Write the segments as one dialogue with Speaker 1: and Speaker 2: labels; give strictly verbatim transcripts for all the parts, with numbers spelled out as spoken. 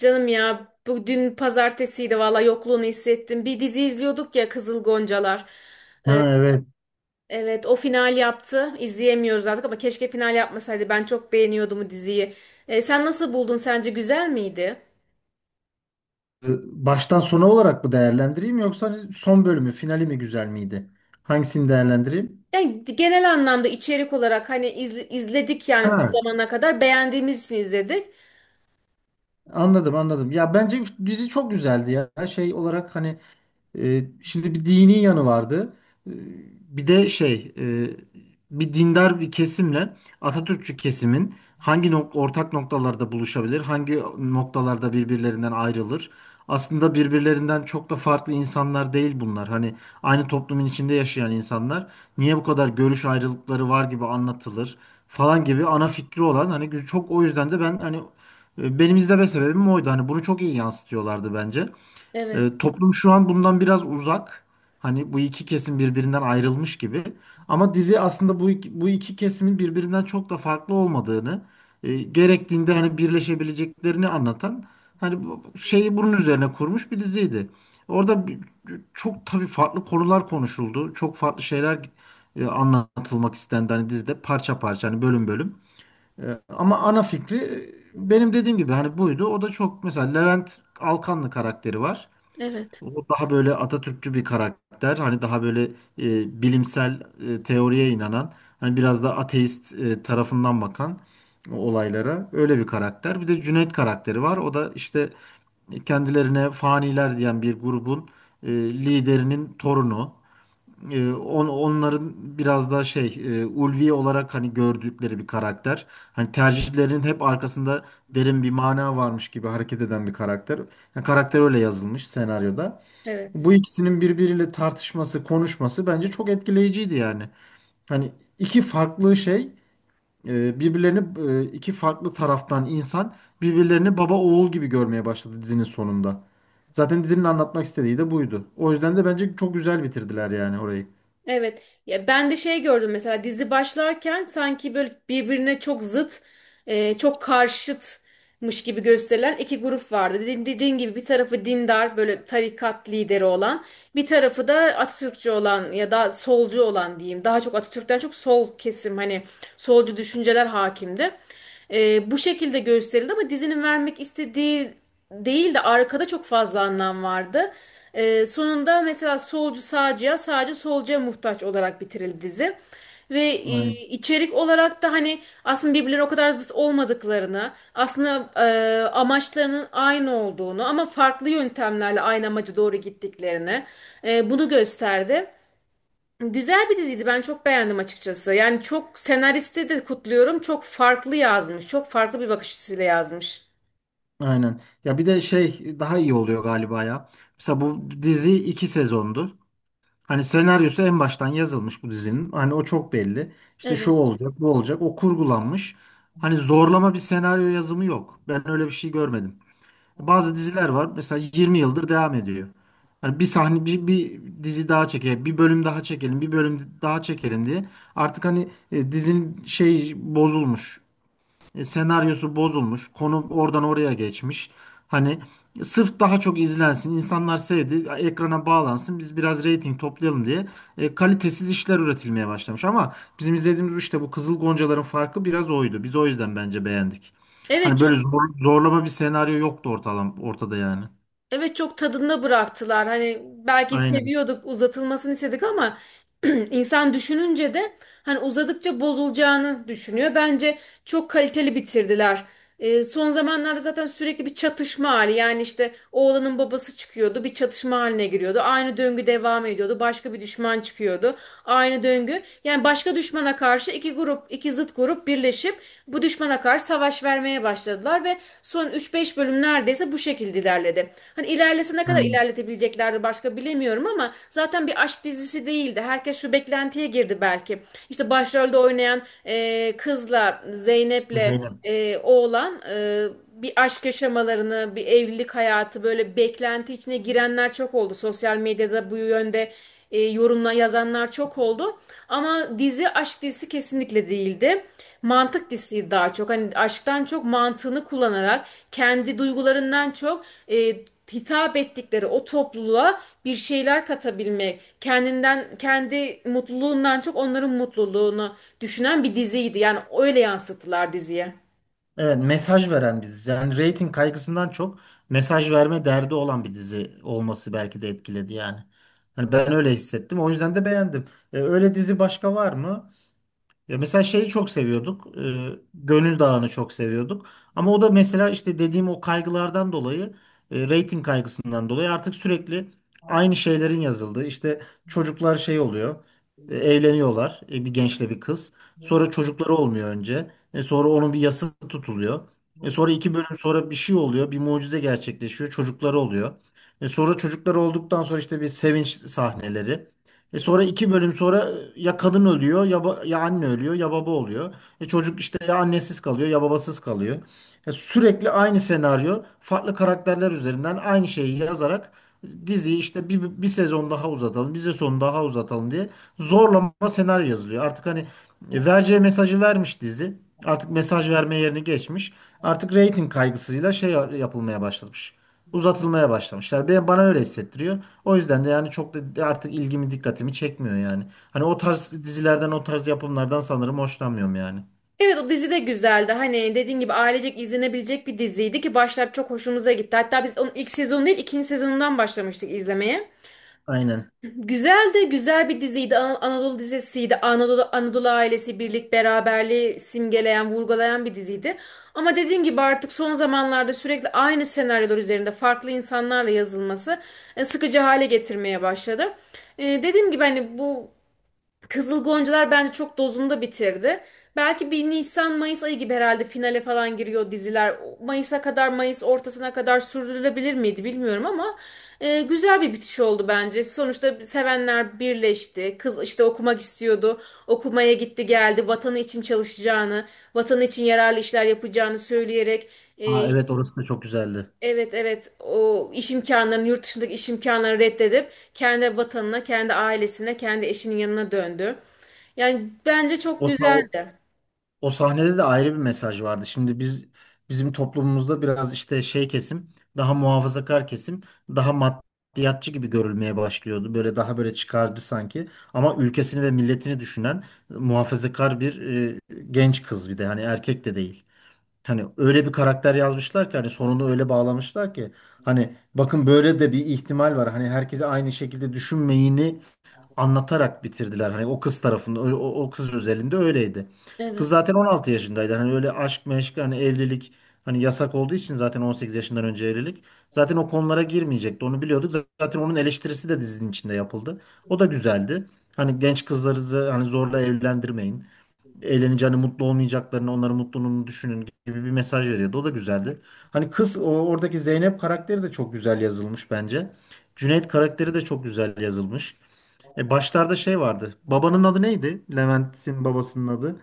Speaker 1: Canım ya bu dün pazartesiydi valla yokluğunu hissettim. Bir dizi izliyorduk ya, Kızıl Goncalar. Ee,
Speaker 2: Ha, evet.
Speaker 1: evet o final yaptı. İzleyemiyoruz artık ama keşke final yapmasaydı. Ben çok beğeniyordum o diziyi. Ee, sen nasıl buldun? Sence güzel miydi?
Speaker 2: Ee, Baştan sona olarak mı değerlendireyim yoksa hani son bölümü, finali mi güzel miydi? Hangisini değerlendireyim?
Speaker 1: Yani genel anlamda içerik olarak hani izle- izledik yani bu
Speaker 2: Ha,
Speaker 1: zamana kadar beğendiğimiz için izledik.
Speaker 2: anladım anladım. Ya bence dizi çok güzeldi ya. Şey olarak hani. E, şimdi bir dini yanı vardı. E, bir de şey, e, bir dindar bir kesimle Atatürkçü kesimin hangi nok- ortak noktalarda buluşabilir, hangi noktalarda birbirlerinden ayrılır. Aslında birbirlerinden çok da farklı insanlar değil bunlar. Hani aynı toplumun içinde yaşayan insanlar niye bu kadar görüş ayrılıkları var gibi anlatılır falan gibi ana fikri olan hani gü- çok o yüzden de ben hani, e, benim izleme sebebim oydu. Hani bunu çok iyi yansıtıyorlardı bence.
Speaker 1: Evet,
Speaker 2: E, toplum şu an bundan biraz uzak. Hani bu iki kesim birbirinden ayrılmış gibi. Ama dizi aslında bu iki, bu iki kesimin birbirinden çok da farklı olmadığını, e, gerektiğinde hani birleşebileceklerini anlatan hani bu- bu şeyi bunun üzerine kurmuş bir diziydi. Orada bir- Çok tabii farklı konular konuşuldu. Çok farklı şeyler, e, anlatılmak istendi hani dizide parça parça hani bölüm bölüm. E, ama ana fikri, e, benim dediğim gibi hani buydu. O da çok mesela Levent Alkanlı karakteri var.
Speaker 1: evet,
Speaker 2: O daha böyle Atatürkçü bir karakter. Hani daha böyle, e, bilimsel, e, teoriye inanan, hani biraz da ateist, e, tarafından bakan olaylara öyle bir karakter. Bir de Cüneyt karakteri var. O da işte kendilerine faniler diyen bir grubun, e, liderinin torunu. E, on, onların biraz da şey, e, ulvi olarak hani gördükleri bir karakter. Hani tercihlerinin hep arkasında derin bir mana varmış gibi hareket eden bir karakter. Yani karakter öyle yazılmış senaryoda. Bu
Speaker 1: evet.
Speaker 2: ikisinin birbiriyle tartışması, konuşması bence çok etkileyiciydi yani. Hani iki farklı şey, e, birbirlerini, e, iki farklı taraftan insan birbirlerini baba oğul gibi görmeye başladı dizinin sonunda. Zaten dizinin anlatmak istediği de buydu. O yüzden de bence çok güzel bitirdiler yani orayı.
Speaker 1: Evet. Ya ben de şey gördüm mesela dizi başlarken sanki böyle birbirine çok zıt, e, çok karşıtmış gibi gösterilen iki grup vardı. Dedi- Dediğin gibi bir tarafı dindar böyle tarikat lideri olan, bir tarafı da Atatürkçü olan ya da solcu olan diyeyim. Daha çok Atatürk'ten çok sol kesim, hani solcu düşünceler hakimdi. Ee, bu şekilde gösterildi ama dizinin vermek istediği değil de arkada çok fazla anlam vardı. Ee, sonunda mesela solcu sağcıya, sağcı solcuya muhtaç olarak bitirildi dizi. Ve e,
Speaker 2: Aynen.
Speaker 1: içerik olarak da hani aslında birbirleri o kadar zıt olmadıklarını, aslında e, amaçlarının aynı olduğunu ama farklı yöntemlerle aynı amaca doğru gittiklerini e, bunu gösterdi. Güzel bir diziydi. Ben çok beğendim açıkçası. Yani çok senaristi de kutluyorum. Çok farklı yazmış. Çok farklı bir bakış açısıyla yazmış.
Speaker 2: Aynen. Ya bir de şey daha iyi oluyor galiba ya. Mesela bu dizi iki sezondu. Hani senaryosu en baştan yazılmış bu dizinin. Hani o çok belli. İşte şu
Speaker 1: Evet.
Speaker 2: olacak, bu olacak. O kurgulanmış. Hani zorlama bir senaryo yazımı yok. Ben öyle bir şey görmedim. Bazı diziler var. Mesela yirmi yıldır devam ediyor. Hani bir sahne, bir, bir dizi daha çekelim, bir bölüm daha çekelim, bir bölüm daha çekelim diye. Artık hani, e, dizinin şey bozulmuş. E, senaryosu bozulmuş. Konu oradan oraya geçmiş. Hani sırf daha çok izlensin, insanlar sevdi, ekrana bağlansın, biz biraz reyting toplayalım diye, e, kalitesiz işler üretilmeye başlamış. Ama bizim izlediğimiz işte bu Kızıl Goncalar'ın farkı biraz oydu. Biz o yüzden bence beğendik.
Speaker 1: Evet,
Speaker 2: Hani böyle
Speaker 1: çok.
Speaker 2: zor- zorlama bir senaryo yoktu ortalam, ortada yani.
Speaker 1: Evet, çok tadında bıraktılar. Hani belki
Speaker 2: Aynen.
Speaker 1: seviyorduk, uzatılmasını istedik ama insan düşününce de hani uzadıkça bozulacağını düşünüyor. Bence çok kaliteli bitirdiler. Ee, son zamanlarda zaten sürekli bir çatışma hali. Yani işte oğlanın babası çıkıyordu, bir çatışma haline giriyordu. Aynı döngü devam ediyordu. Başka bir düşman çıkıyordu. Aynı döngü. Yani başka düşmana karşı iki grup, iki zıt grup birleşip bu düşmana karşı savaş vermeye başladılar başladılar ve son üç beş bölüm neredeyse bu şekilde ilerledi. Hani ilerlese ne kadar
Speaker 2: Aynen.
Speaker 1: ilerletebileceklerdi başka bilemiyorum ama zaten bir aşk dizisi değildi. Herkes şu beklentiye girdi belki. İşte başrolde oynayan e, kızla Zeynep'le
Speaker 2: Zeynep.
Speaker 1: e, oğlan e, bir aşk yaşamalarını, bir evlilik hayatı, böyle beklenti içine girenler çok oldu. Sosyal medyada bu yönde e, yorumla yazanlar çok oldu. Ama dizi aşk dizisi kesinlikle değildi. Mantık dizisi daha çok. Hani aşktan çok mantığını kullanarak, kendi duygularından çok e, hitap ettikleri o topluluğa bir şeyler katabilmek, kendinden kendi mutluluğundan çok onların mutluluğunu düşünen bir diziydi. Yani öyle yansıttılar diziye.
Speaker 2: Evet, mesaj veren bir dizi. Yani rating kaygısından çok mesaj verme derdi olan bir dizi olması belki de etkiledi yani. Hani ben öyle hissettim. O yüzden de beğendim. E, öyle dizi başka var mı? Ya mesela şeyi çok seviyorduk. e, Gönül Dağı'nı çok seviyorduk. Ama o da mesela işte dediğim o kaygılardan dolayı, e, reyting kaygısından dolayı artık sürekli aynı şeylerin yazıldığı. İşte çocuklar şey oluyor. e, Evleniyorlar. e, Bir gençle bir kız. Sonra çocukları olmuyor önce. E, Sonra onun bir yası tutuluyor. E, Sonra iki bölüm sonra bir şey oluyor. Bir mucize gerçekleşiyor. Çocukları oluyor. E, Sonra çocukları olduktan sonra işte bir sevinç sahneleri. E sonra iki bölüm sonra, e, ya kadın ölüyor ya, ba- ya anne ölüyor ya baba oluyor. E çocuk işte ya annesiz kalıyor ya babasız kalıyor. E sürekli aynı senaryo farklı karakterler üzerinden aynı şeyi yazarak diziyi işte bir, bir sezon daha uzatalım, bir sezon daha uzatalım diye zorlama senaryo yazılıyor. Artık hani, e, vereceği mesajı vermiş dizi. Artık mesaj verme yerini geçmiş. Artık reyting kaygısıyla şey yapılmaya başlamış uzatılmaya başlamışlar. Ben bana öyle hissettiriyor. O yüzden de yani çok da artık ilgimi dikkatimi çekmiyor yani. Hani o tarz dizilerden o tarz yapımlardan sanırım hoşlanmıyorum yani.
Speaker 1: Evet, o dizi de güzeldi. Hani dediğin gibi ailecek izlenebilecek bir diziydi ki başlar çok hoşumuza gitti. Hatta biz onun ilk sezonu değil ikinci sezonundan başlamıştık izlemeye.
Speaker 2: Aynen.
Speaker 1: Güzeldi, güzel bir diziydi. Ana- Anadolu dizisiydi. Anadolu Anadolu ailesi birlik beraberliği simgeleyen, vurgulayan bir diziydi. Ama dediğin gibi artık son zamanlarda sürekli aynı senaryolar üzerinde farklı insanlarla yazılması e, sıkıcı hale getirmeye başladı. E, dediğim gibi hani bu Kızıl Goncalar bence çok dozunda bitirdi. Belki bir Nisan Mayıs ayı gibi herhalde finale falan giriyor diziler. Mayıs'a kadar, Mayıs ortasına kadar sürdürülebilir miydi bilmiyorum ama e, güzel bir bitiş oldu bence. Sonuçta sevenler birleşti. Kız işte okumak istiyordu. Okumaya gitti geldi. Vatanı için çalışacağını, vatanı için yararlı işler yapacağını söyleyerek e,
Speaker 2: Aa, evet orası da çok güzeldi.
Speaker 1: Evet, evet, o iş imkanlarını, yurt dışındaki iş imkanlarını reddedip kendi vatanına, kendi ailesine, kendi eşinin yanına döndü. Yani bence çok
Speaker 2: O, sa- o,
Speaker 1: güzeldi.
Speaker 2: o sahnede de ayrı bir mesaj vardı. Şimdi biz bizim toplumumuzda biraz işte şey kesim daha muhafazakar kesim daha maddiyatçı gibi görülmeye başlıyordu. Böyle daha böyle çıkarcı sanki. Ama ülkesini ve milletini düşünen muhafazakar bir, e, genç kız bir de hani erkek de değil. Hani öyle bir karakter yazmışlar ki hani sonunu öyle bağlamışlar ki hani bakın böyle de bir ihtimal var. Hani herkese aynı şekilde düşünmeyini anlatarak bitirdiler. Hani o kız tarafında o, o- o kız özelinde öyleydi. Kız
Speaker 1: Evet.
Speaker 2: zaten on altı yaşındaydı. Hani öyle aşk meşk hani evlilik hani yasak olduğu için zaten on sekiz yaşından önce evlilik. Zaten o konulara girmeyecekti. Onu biliyorduk. Zaten onun eleştirisi de dizinin içinde yapıldı. O da güzeldi. Hani genç kızları da hani zorla evlendirmeyin eğleneceğini, mutlu olmayacaklarını, onların mutluluğunu düşünün gibi bir mesaj veriyordu. O da güzeldi. Hani kız o- oradaki Zeynep karakteri de çok güzel yazılmış bence. Cüneyt karakteri de çok güzel yazılmış. E başlarda şey vardı. Babanın adı neydi? Levent'in babasının adı.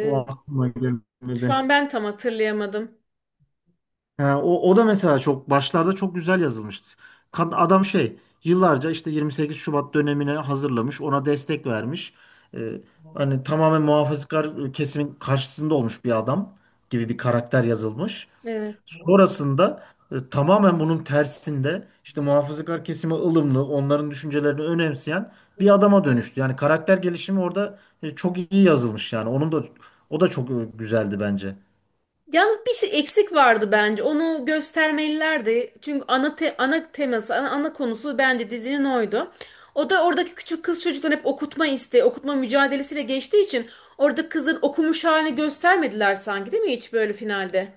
Speaker 2: O aklıma
Speaker 1: Şu
Speaker 2: gelmedi.
Speaker 1: an ben tam hatırlayamadım.
Speaker 2: Ha, o, o da mesela çok başlarda çok güzel yazılmıştı. Kad- Adam şey yıllarca işte yirmi sekiz Şubat dönemine hazırlamış, ona destek vermiş. Ee, hani tamamen muhafazakar ıı, kesimin karşısında olmuş bir adam gibi bir karakter yazılmış.
Speaker 1: Evet.
Speaker 2: Sonrasında, e, tamamen bunun tersinde işte muhafazakar kesime ılımlı, onların düşüncelerini önemseyen bir adama dönüştü. Yani karakter gelişimi orada, e, çok iyi yazılmış yani. Onun da o da çok, e, güzeldi bence.
Speaker 1: Yalnız bir şey eksik vardı bence. Onu göstermelilerdi. Çünkü ana te- ana teması, ana, ana konusu bence dizinin oydu. O da oradaki küçük kız çocukların hep okutma isteği, okutma mücadelesiyle geçtiği için orada kızın okumuş halini göstermediler sanki, değil mi, hiç böyle finalde?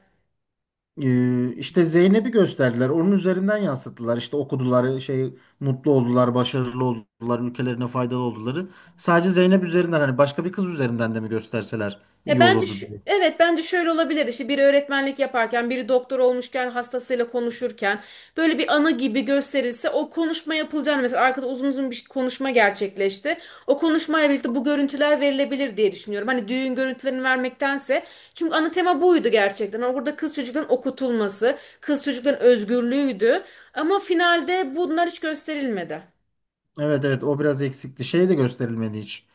Speaker 2: Ee, işte Zeynep'i gösterdiler. Onun üzerinden yansıttılar. İşte okudular, şey mutlu oldular, başarılı oldular, ülkelerine faydalı olduları. Sadece Zeynep üzerinden hani başka bir kız üzerinden de mi gösterseler
Speaker 1: Ya
Speaker 2: iyi
Speaker 1: bence şu-
Speaker 2: olurdu diyor.
Speaker 1: evet bence şöyle olabilir, işte biri öğretmenlik yaparken biri doktor olmuşken hastasıyla konuşurken böyle bir anı gibi gösterilse, o konuşma yapılacağını, mesela arkada uzun uzun bir konuşma gerçekleşti. O konuşmayla birlikte bu görüntüler verilebilir diye düşünüyorum. Hani düğün görüntülerini vermektense, çünkü ana tema buydu gerçekten. Hani orada burada kız çocukların okutulması, kız çocukların özgürlüğüydü ama finalde bunlar hiç gösterilmedi.
Speaker 2: Evet evet, o biraz eksikti. Şey de gösterilmedi hiç.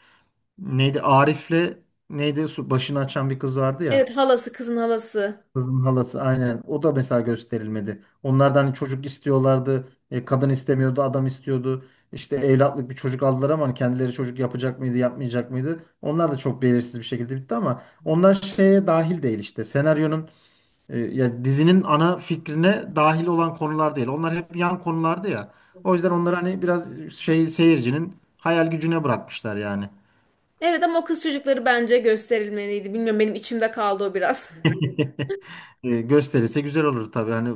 Speaker 2: Neydi? Arif'le neydi? Su- Başını açan bir kız vardı ya.
Speaker 1: Evet, halası, kızın halası.
Speaker 2: Kızın halası aynen. O da mesela gösterilmedi. Onlardan hani çocuk istiyorlardı. e, kadın istemiyordu, adam istiyordu. İşte evlatlık bir çocuk aldılar ama hani kendileri çocuk yapacak mıydı, yapmayacak mıydı? Onlar da çok belirsiz bir şekilde bitti ama onlar şeye dahil değil işte. Senaryonun, e, ya dizinin ana fikrine dahil olan konular değil. Onlar hep yan konulardı ya. O yüzden onları hani biraz şey seyircinin hayal gücüne bırakmışlar yani.
Speaker 1: Evet ama o kız çocukları bence gösterilmeliydi. Bilmiyorum, benim içimde kaldı o biraz.
Speaker 2: E, gösterilse güzel olur tabii. Hani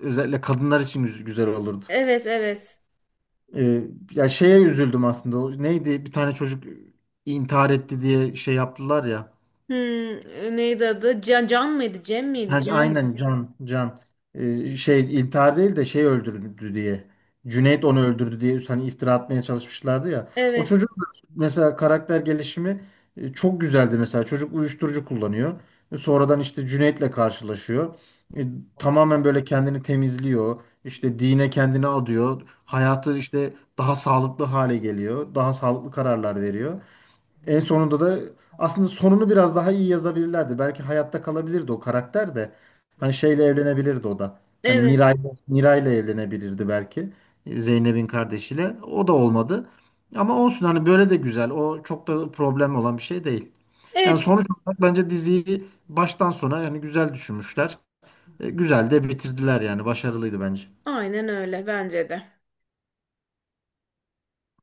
Speaker 2: özellikle kadınlar için güz- güzel olurdu.
Speaker 1: Evet, evet.
Speaker 2: Ee, ya şeye üzüldüm aslında. O neydi? Bir tane çocuk intihar etti diye şey yaptılar ya.
Speaker 1: Hmm, neydi adı? Can, Can mıydı? Cem miydi?
Speaker 2: Ha,
Speaker 1: Can'dı.
Speaker 2: aynen Can Can. Ee, şey intihar değil de şey öldürdü diye Cüneyt onu öldürdü diye hani iftira atmaya çalışmışlardı ya, o
Speaker 1: Evet.
Speaker 2: çocuk mesela karakter gelişimi, e, çok güzeldi mesela çocuk uyuşturucu kullanıyor. E, sonradan işte Cüneyt'le karşılaşıyor. E, tamamen böyle kendini temizliyor işte dine kendini adıyor hayatı işte daha sağlıklı hale geliyor daha sağlıklı kararlar veriyor en sonunda da aslında sonunu biraz daha iyi yazabilirlerdi. Belki hayatta kalabilirdi o karakter de. Hani şeyle evlenebilirdi o da. Hani Miray,
Speaker 1: Evet.
Speaker 2: Miray'la evlenebilirdi belki. Zeynep'in kardeşiyle. O da olmadı. Ama olsun hani böyle de güzel. O çok da problem olan bir şey değil. Yani
Speaker 1: Evet.
Speaker 2: sonuç olarak bence diziyi baştan sona yani güzel düşünmüşler. E, Güzel de bitirdiler yani. Başarılıydı bence.
Speaker 1: Aynen, öyle bence de.